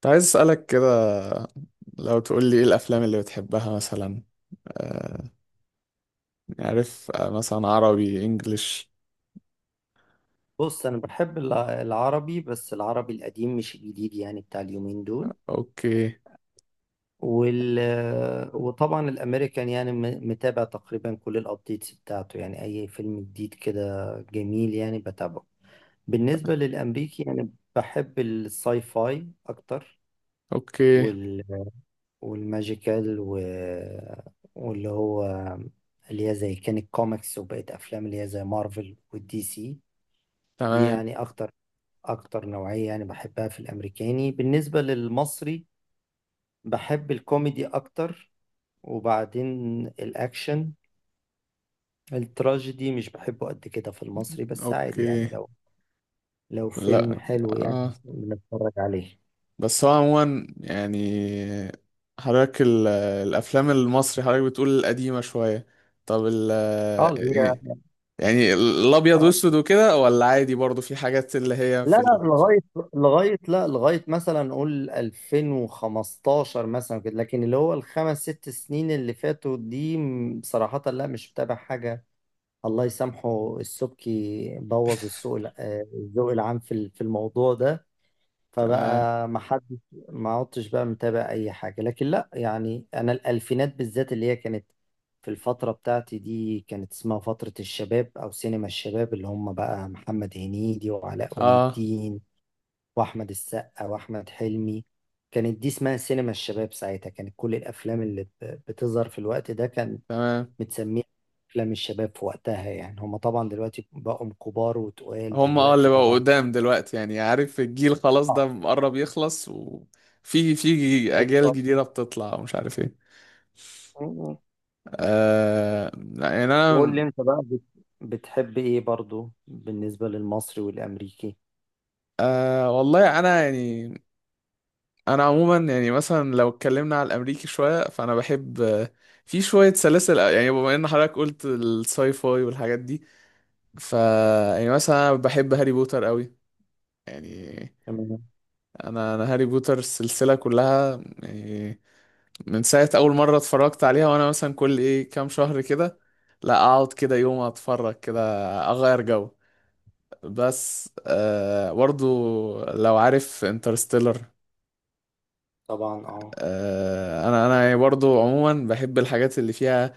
كنت عايز أسألك كده. لو تقول لي إيه الأفلام اللي بتحبها مثلا؟ آه، عارف؟ آه، مثلا عربي إنجليش. بص، انا بحب العربي، بس العربي القديم مش الجديد، يعني بتاع اليومين دول. أوكي. وال وطبعا الامريكان، يعني متابع تقريبا كل الابديتس بتاعته، يعني اي فيلم جديد كده جميل يعني بتابعه. بالنسبه للامريكي يعني بحب الساي فاي اكتر، أوكي. وال والماجيكال واللي هو اللي هي زي كانت كوميكس وبقت افلام، اللي هي زي مارفل والدي سي. دي تمام. يعني اكتر، اكتر نوعية يعني بحبها في الامريكاني. بالنسبة للمصري بحب الكوميدي اكتر، وبعدين الاكشن. التراجيدي مش بحبه قد كده في المصري، بس عادي يعني أوكي. لو فيلم لا. حلو يعني آه. بنتفرج عليه. بس هو عموما يعني، حضرتك الأفلام المصري حضرتك بتقول القديمة شوية. طب، اه. اللي إيه؟ هي يعني الأبيض اه، وأسود وكده، ولا عادي برضو في حاجات اللي هي لا، لا، لغاية مثلا نقول 2015 مثلا كده، لكن اللي هو الخمس ست سنين اللي فاتوا دي، صراحة لا، مش متابع حاجة. الله يسامحه السبكي، بوظ السوق الع- آه، الذوق العام في في الموضوع ده. تمام. فبقى ما حد ما عدتش بقى متابع اي حاجه. لكن لا، يعني انا الالفينات بالذات، اللي هي كانت في الفتره بتاعتي دي، كانت اسمها فتره الشباب او سينما الشباب، اللي هم بقى محمد هنيدي وعلاء ولي آه. الدين واحمد السقا واحمد حلمي. كانت دي اسمها سينما الشباب. ساعتها كانت كل الافلام اللي بتظهر في الوقت ده كان تمام. بتسميه أفلام الشباب في وقتها، يعني هما طبعا دلوقتي بقوا كبار، وتقال هم، اه اللي دلوقتي بقوا طبعا. قدام دلوقتي يعني، عارف الجيل خلاص ده آه، مقرب يخلص، وفي اجيال بالظبط. جديده بتطلع ومش عارف ايه. م- م. آه لا، يعني انا، وقول لي انت بقى بتحب إيه برضو بالنسبة للمصري والأمريكي؟ آه والله انا يعني، انا عموما يعني مثلا لو اتكلمنا على الامريكي شويه فانا بحب، آه، في شويه سلاسل، يعني بما ان حضرتك قلت الساي فاي والحاجات دي، ف يعني مثلا أنا بحب هاري بوتر قوي. يعني تمام. انا هاري بوتر السلسله كلها يعني، من ساعة أول مرة اتفرجت عليها، وأنا مثلا كل إيه كام شهر كده لا أقعد كده يوم أتفرج كده أغير جو. بس آه برضو، لو عارف انترستيلر، طبعا، اه. آه، أنا برضو عموما بحب الحاجات اللي فيها،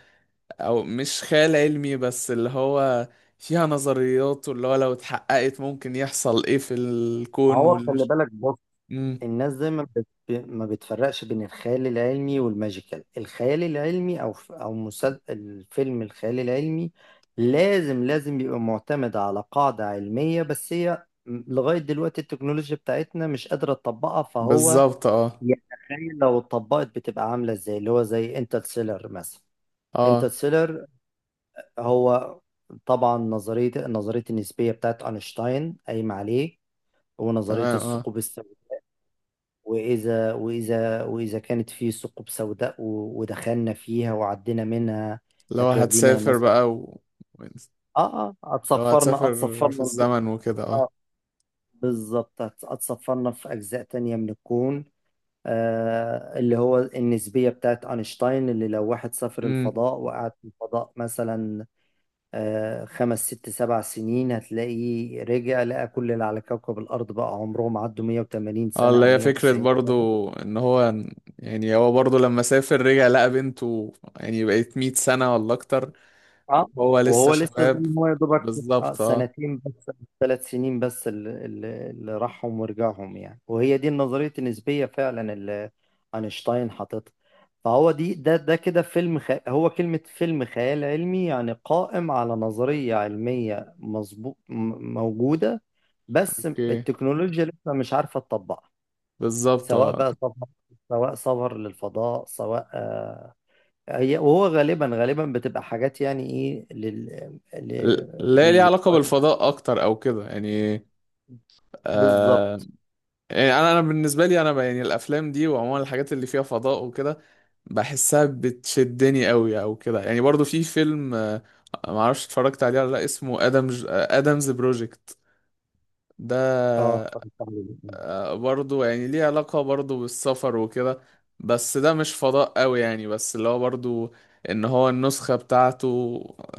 أو مش خيال علمي بس اللي هو فيها نظريات، واللي هو لو اتحققت ممكن يحصل إيه في الكون هو خلي والمش. بالك، بص، مم. الناس دايما ما بتفرقش بين الخيال العلمي والماجيكال. الخيال العلمي او ف- او مسل... الفيلم الخيال العلمي لازم بيبقى معتمد على قاعدة علمية، بس هي لغاية دلوقتي التكنولوجيا بتاعتنا مش قادرة تطبقها، فهو بالظبط اه. يتخيل لو اتطبقت بتبقى عاملة ازاي، اللي هو زي انترستيلر مثلا. اه. انترستيلر، هو طبعا نظرية النسبية بتاعت أينشتاين قايمة عليه، ونظرية تمام اه. الثقوب. وإذا كانت في ثقوب سوداء ودخلنا فيها وعدينا منها، اللي هو هتودينا هتسافر مثلا. بقى. و... آه آه، لو هتصفرنا هتسافر في هتصفرنا. الزمن وكده آه اه. بالظبط، هتصفرنا في أجزاء تانية من الكون. آه، اللي هو النسبية بتاعت أينشتاين، اللي لو واحد سافر امم. الفضاء وقعد في الفضاء مثلا آه خمس ست سبع سنين، هتلاقيه رجع لقى كل اللي على كوكب الأرض بقى عمرهم عدوا 180 اه سنة اللي أو هي فكرة 190. برضو ان هو، يعني هو برضو لما سافر رجع لقى بنته يعني بقت 100 سنة ولا اكتر، اه. وهو لسه وهو لسه زي شباب. ما هو يا دوبك. آه، بالظبط اه. سنتين بس، ثلاث سنين بس اللي راحهم ورجعهم يعني. وهي دي النظرية النسبية فعلا، اللي أينشتاين حاططها. فهو دي ده كده فيلم هو كلمة فيلم خيال علمي، يعني قائم على نظرية علمية مظبوط، موجودة، بس اوكي. التكنولوجيا لسه مش عارفة تطبقها. بالظبط سواء اه. بقى سفر سواء سفر للفضاء، سواء هي وهو غالبا غالبا بتبقى حاجات يعني ايه لل لل لا، ليه علاقة لل بالفضاء اكتر او كده يعني. آه. بالظبط، يعني انا بالنسبه لي، انا يعني الافلام دي وعموما الحاجات اللي فيها فضاء وكده بحسها بتشدني قوي او كده يعني. برضو في فيلم آه، ما اعرفش اتفرجت عليه ولا لا، اسمه ادمز، آه، ادمز بروجكت اه. ده. اتفرجت عليه. آه، برضو يعني ليه علاقه برضو بالسفر وكده، بس ده مش فضاء قوي يعني، بس اللي هو برضو ان هو النسخه بتاعته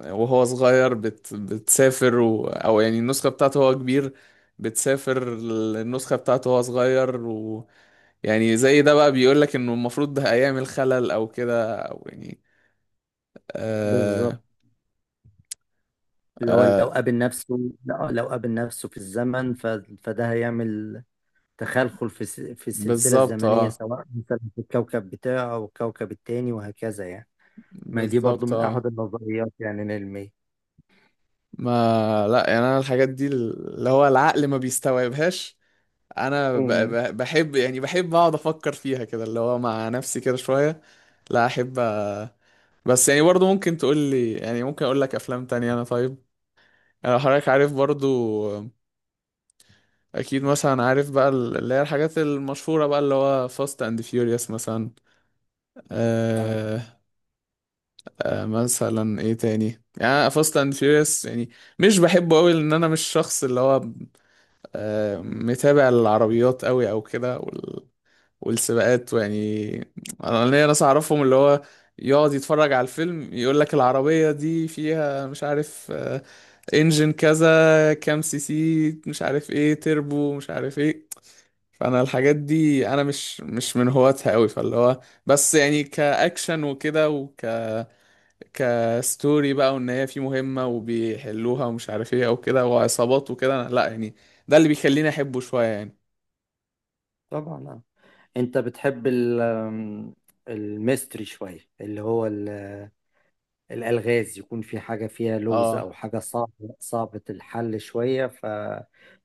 وهو صغير بتسافر، و... او يعني النسخه بتاعته هو كبير بتسافر النسخة بتاعته وهو صغير. يعني زي ده بقى بيقول لك انه المفروض ده ايام الخلل او كده او يعني. آه. بالظبط، اللي هو آه. لو قابل نفسه، لا، لو قابل نفسه في الزمن فده هيعمل تخلخل في في السلسلة بالظبط الزمنية، اه. سواء مثلا في الكوكب بتاعه او الكوكب التاني وهكذا يعني. ما هي دي برضو بالظبط من اه. احد النظريات يعني العلمية. ما لا يعني انا الحاجات دي اللي هو العقل ما بيستوعبهاش. انا امم بحب، يعني بحب اقعد افكر فيها كده اللي هو مع نفسي كده شوية. لا احب، آه، بس يعني برضو ممكن تقول لي، يعني ممكن اقول لك افلام تانية انا طيب. يعني لو حضرتك عارف برضو، اكيد مثلا عارف بقى اللي هي الحاجات المشهورة بقى اللي هو فاست اند فيوريوس مثلا. اه، آه. آه، مثلا ايه تاني يعني؟ فاست اند فيوريوس يعني مش بحبه قوي، لان انا مش شخص اللي هو آه متابع العربيات قوي او كده، وال... والسباقات ويعني. انا ليا ناس اعرفهم اللي هو يقعد يتفرج على الفيلم يقول لك العربية دي فيها مش عارف آه انجن كذا كام سي سي، مش عارف ايه تربو، مش عارف ايه. فانا الحاجات دي انا مش من هواتها قوي، فاللي هو بس يعني كاكشن وكده كستوري بقى، وان هي في مهمة وبيحلوها ومش عارف ايه او كده وعصابات وكده، لا يعني ده اللي بيخليني احبه شوية يعني. طبعا، اه. انت بتحب ال- آم، الميستري شوية، اللي هو الألغاز، يكون في حاجة فيها لغز، اه. أو حاجة صعبة صعبة الحل شوية،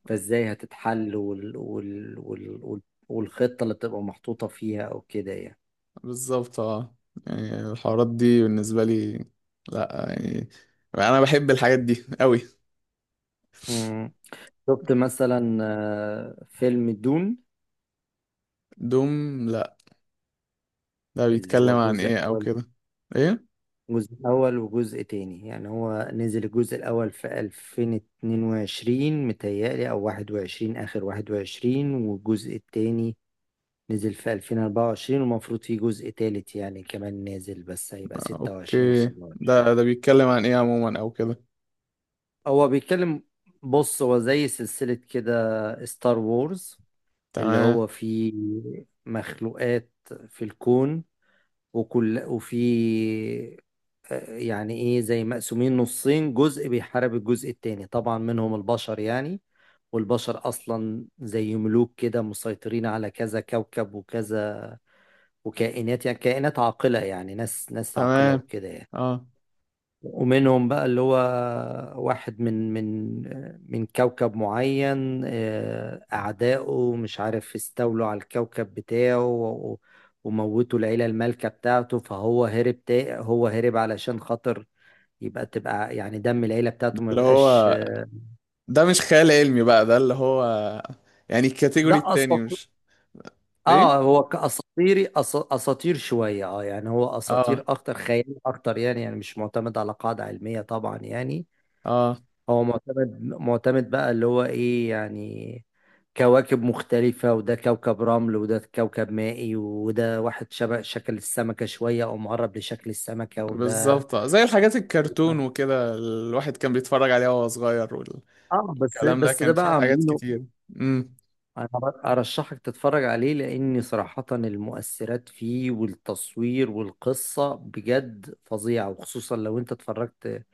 فإزاي هتتحل والخطة اللي بتبقى محطوطة فيها أو كده يعني. بالظبط اه. يعني الحوارات دي بالنسبة لي، لا يعني انا بحب الحاجات دي قوي. مم. شفت مثلا فيلم دون؟ دوم؟ لا. ده اللي بيتكلم هو عن جزء ايه او أول كده؟ ايه. جزء أول وجزء تاني، يعني هو نزل الجزء الأول في 2022 متهيألي، أو 21، آخر 21، والجزء التاني نزل في 2024، ومفروض في جزء تالت يعني كمان نازل، بس هيبقى آه، 26 أو اوكي. 27. ده بيتكلم عن ايه عموما او كده؟ هو بيتكلم بص هو زي سلسلة كده، ستار وورز، اللي تمام. هو فيه مخلوقات في الكون وكل وفي آه، يعني ايه، زي مقسومين نصين، جزء بيحارب الجزء التاني، طبعا منهم البشر يعني. والبشر اصلا زي ملوك كده، مسيطرين على كذا كوكب وكذا، وكائنات يعني كائنات عاقلة، يعني ناس ناس عاقلة تمام وكده يعني. اه. ومنهم بقى اللي هو واحد من كوكب معين، أعدائه مش عارف استولوا على الكوكب بتاعه وموتوا العيلة المالكة بتاعته، فهو هرب تا هو هرب علشان خاطر تبقى يعني دم العيلة بتاعته ما اللي يبقاش. هو ده مش خيال علمي بقى، ده اللي هو يعني ده الكاتيجوري أصلا التاني مش. اه، ايه. هو اساطير شويه، اه يعني هو اه. اساطير اكتر، خيال اكتر يعني مش معتمد على قاعده علميه طبعا يعني. اه. هو معتمد بقى اللي هو ايه يعني، كواكب مختلفه، وده كوكب رمل، وده كوكب مائي، وده واحد شبه شكل السمكه شويه او مقرب لشكل السمكه، وده بالظبط آه. زي الحاجات الكرتون وكده الواحد كان بيتفرج عليها وهو صغير، اه. بس والكلام ده بس ده كان فيه بقى حاجات عاملينه. كتير. امم. انا ارشحك تتفرج عليه، لان صراحة المؤثرات فيه والتصوير والقصة بجد فظيعة، وخصوصا لو انت اتفرجت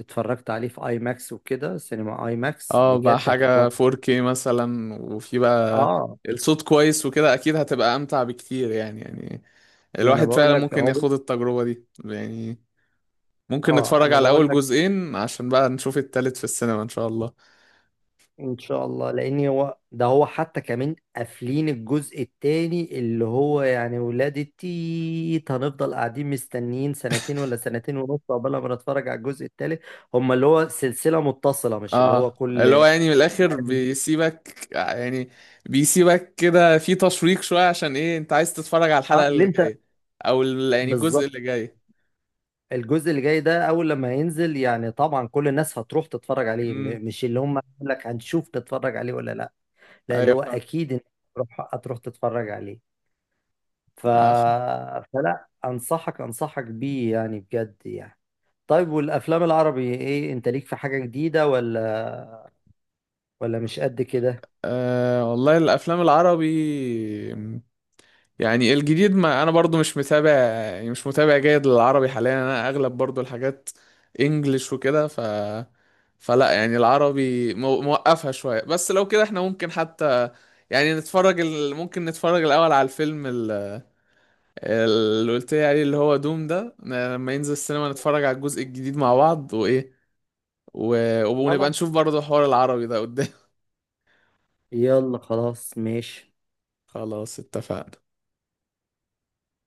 اتفرجت عليه في اي ماكس وكده، سينما اي ماكس اه بقى بجد هتتوهم. حاجة 4K مثلا، وفي بقى اه، الصوت كويس وكده، اكيد هتبقى امتع بكتير يعني، يعني ما انا الواحد بقول فعلا لك ممكن اهو. ياخد التجربة دي يعني. ممكن اه، نتفرج انا على بقول اول لك، جزئين عشان بقى نشوف التالت في السينما ان شاء الله. ان شاء الله، لان هو حتى كمان قافلين الجزء التاني، اللي هو يعني ولاد التيت. هنفضل قاعدين مستنيين سنتين ولا سنتين ونص قبل ما نتفرج على الجزء التالت. هما اللي هو سلسلة متصلة، مش اللي هو اه كل اللي هو يعني من الاخر يعني. بيسيبك يعني، بيسيبك كده في تشويق شويه، عشان ايه انت عايز تتفرج على آه، الحلقه اللي اللي انت جايه، يعني الجزء بالظبط. اللي جاي. الجزء اللي جاي ده اول لما ينزل، يعني طبعا كل الناس هتروح تتفرج عليه، امم. مش اللي هم يقول لك نتفرج عليه ولا لا. لا، اللي ايوه هو فاهم. اكيد انت هتروح تتفرج عليه. ف... آه. فلا، انصحك بيه يعني بجد يعني. طيب، والافلام العربي ايه؟ انت ليك في حاجة جديدة، ولا مش قد كده؟ آه والله الافلام العربي، يعني الجديد ما انا برضو مش متابع، يعني مش متابع جيد للعربي حاليا، انا اغلب برضو الحاجات انجلش وكده، ف فلا يعني العربي موقفها شوية، بس لو كده احنا ممكن حتى يعني نتفرج ال، ممكن نتفرج الاول على الفيلم اللي قلت لي عليه اللي هو دوم ده لما ينزل السينما، نتفرج على الجزء الجديد مع بعض، وايه، و... ونبقى خلاص، نشوف برضو حوار العربي ده قدام. يلا خلاص ماشي. خلاص اتفقنا.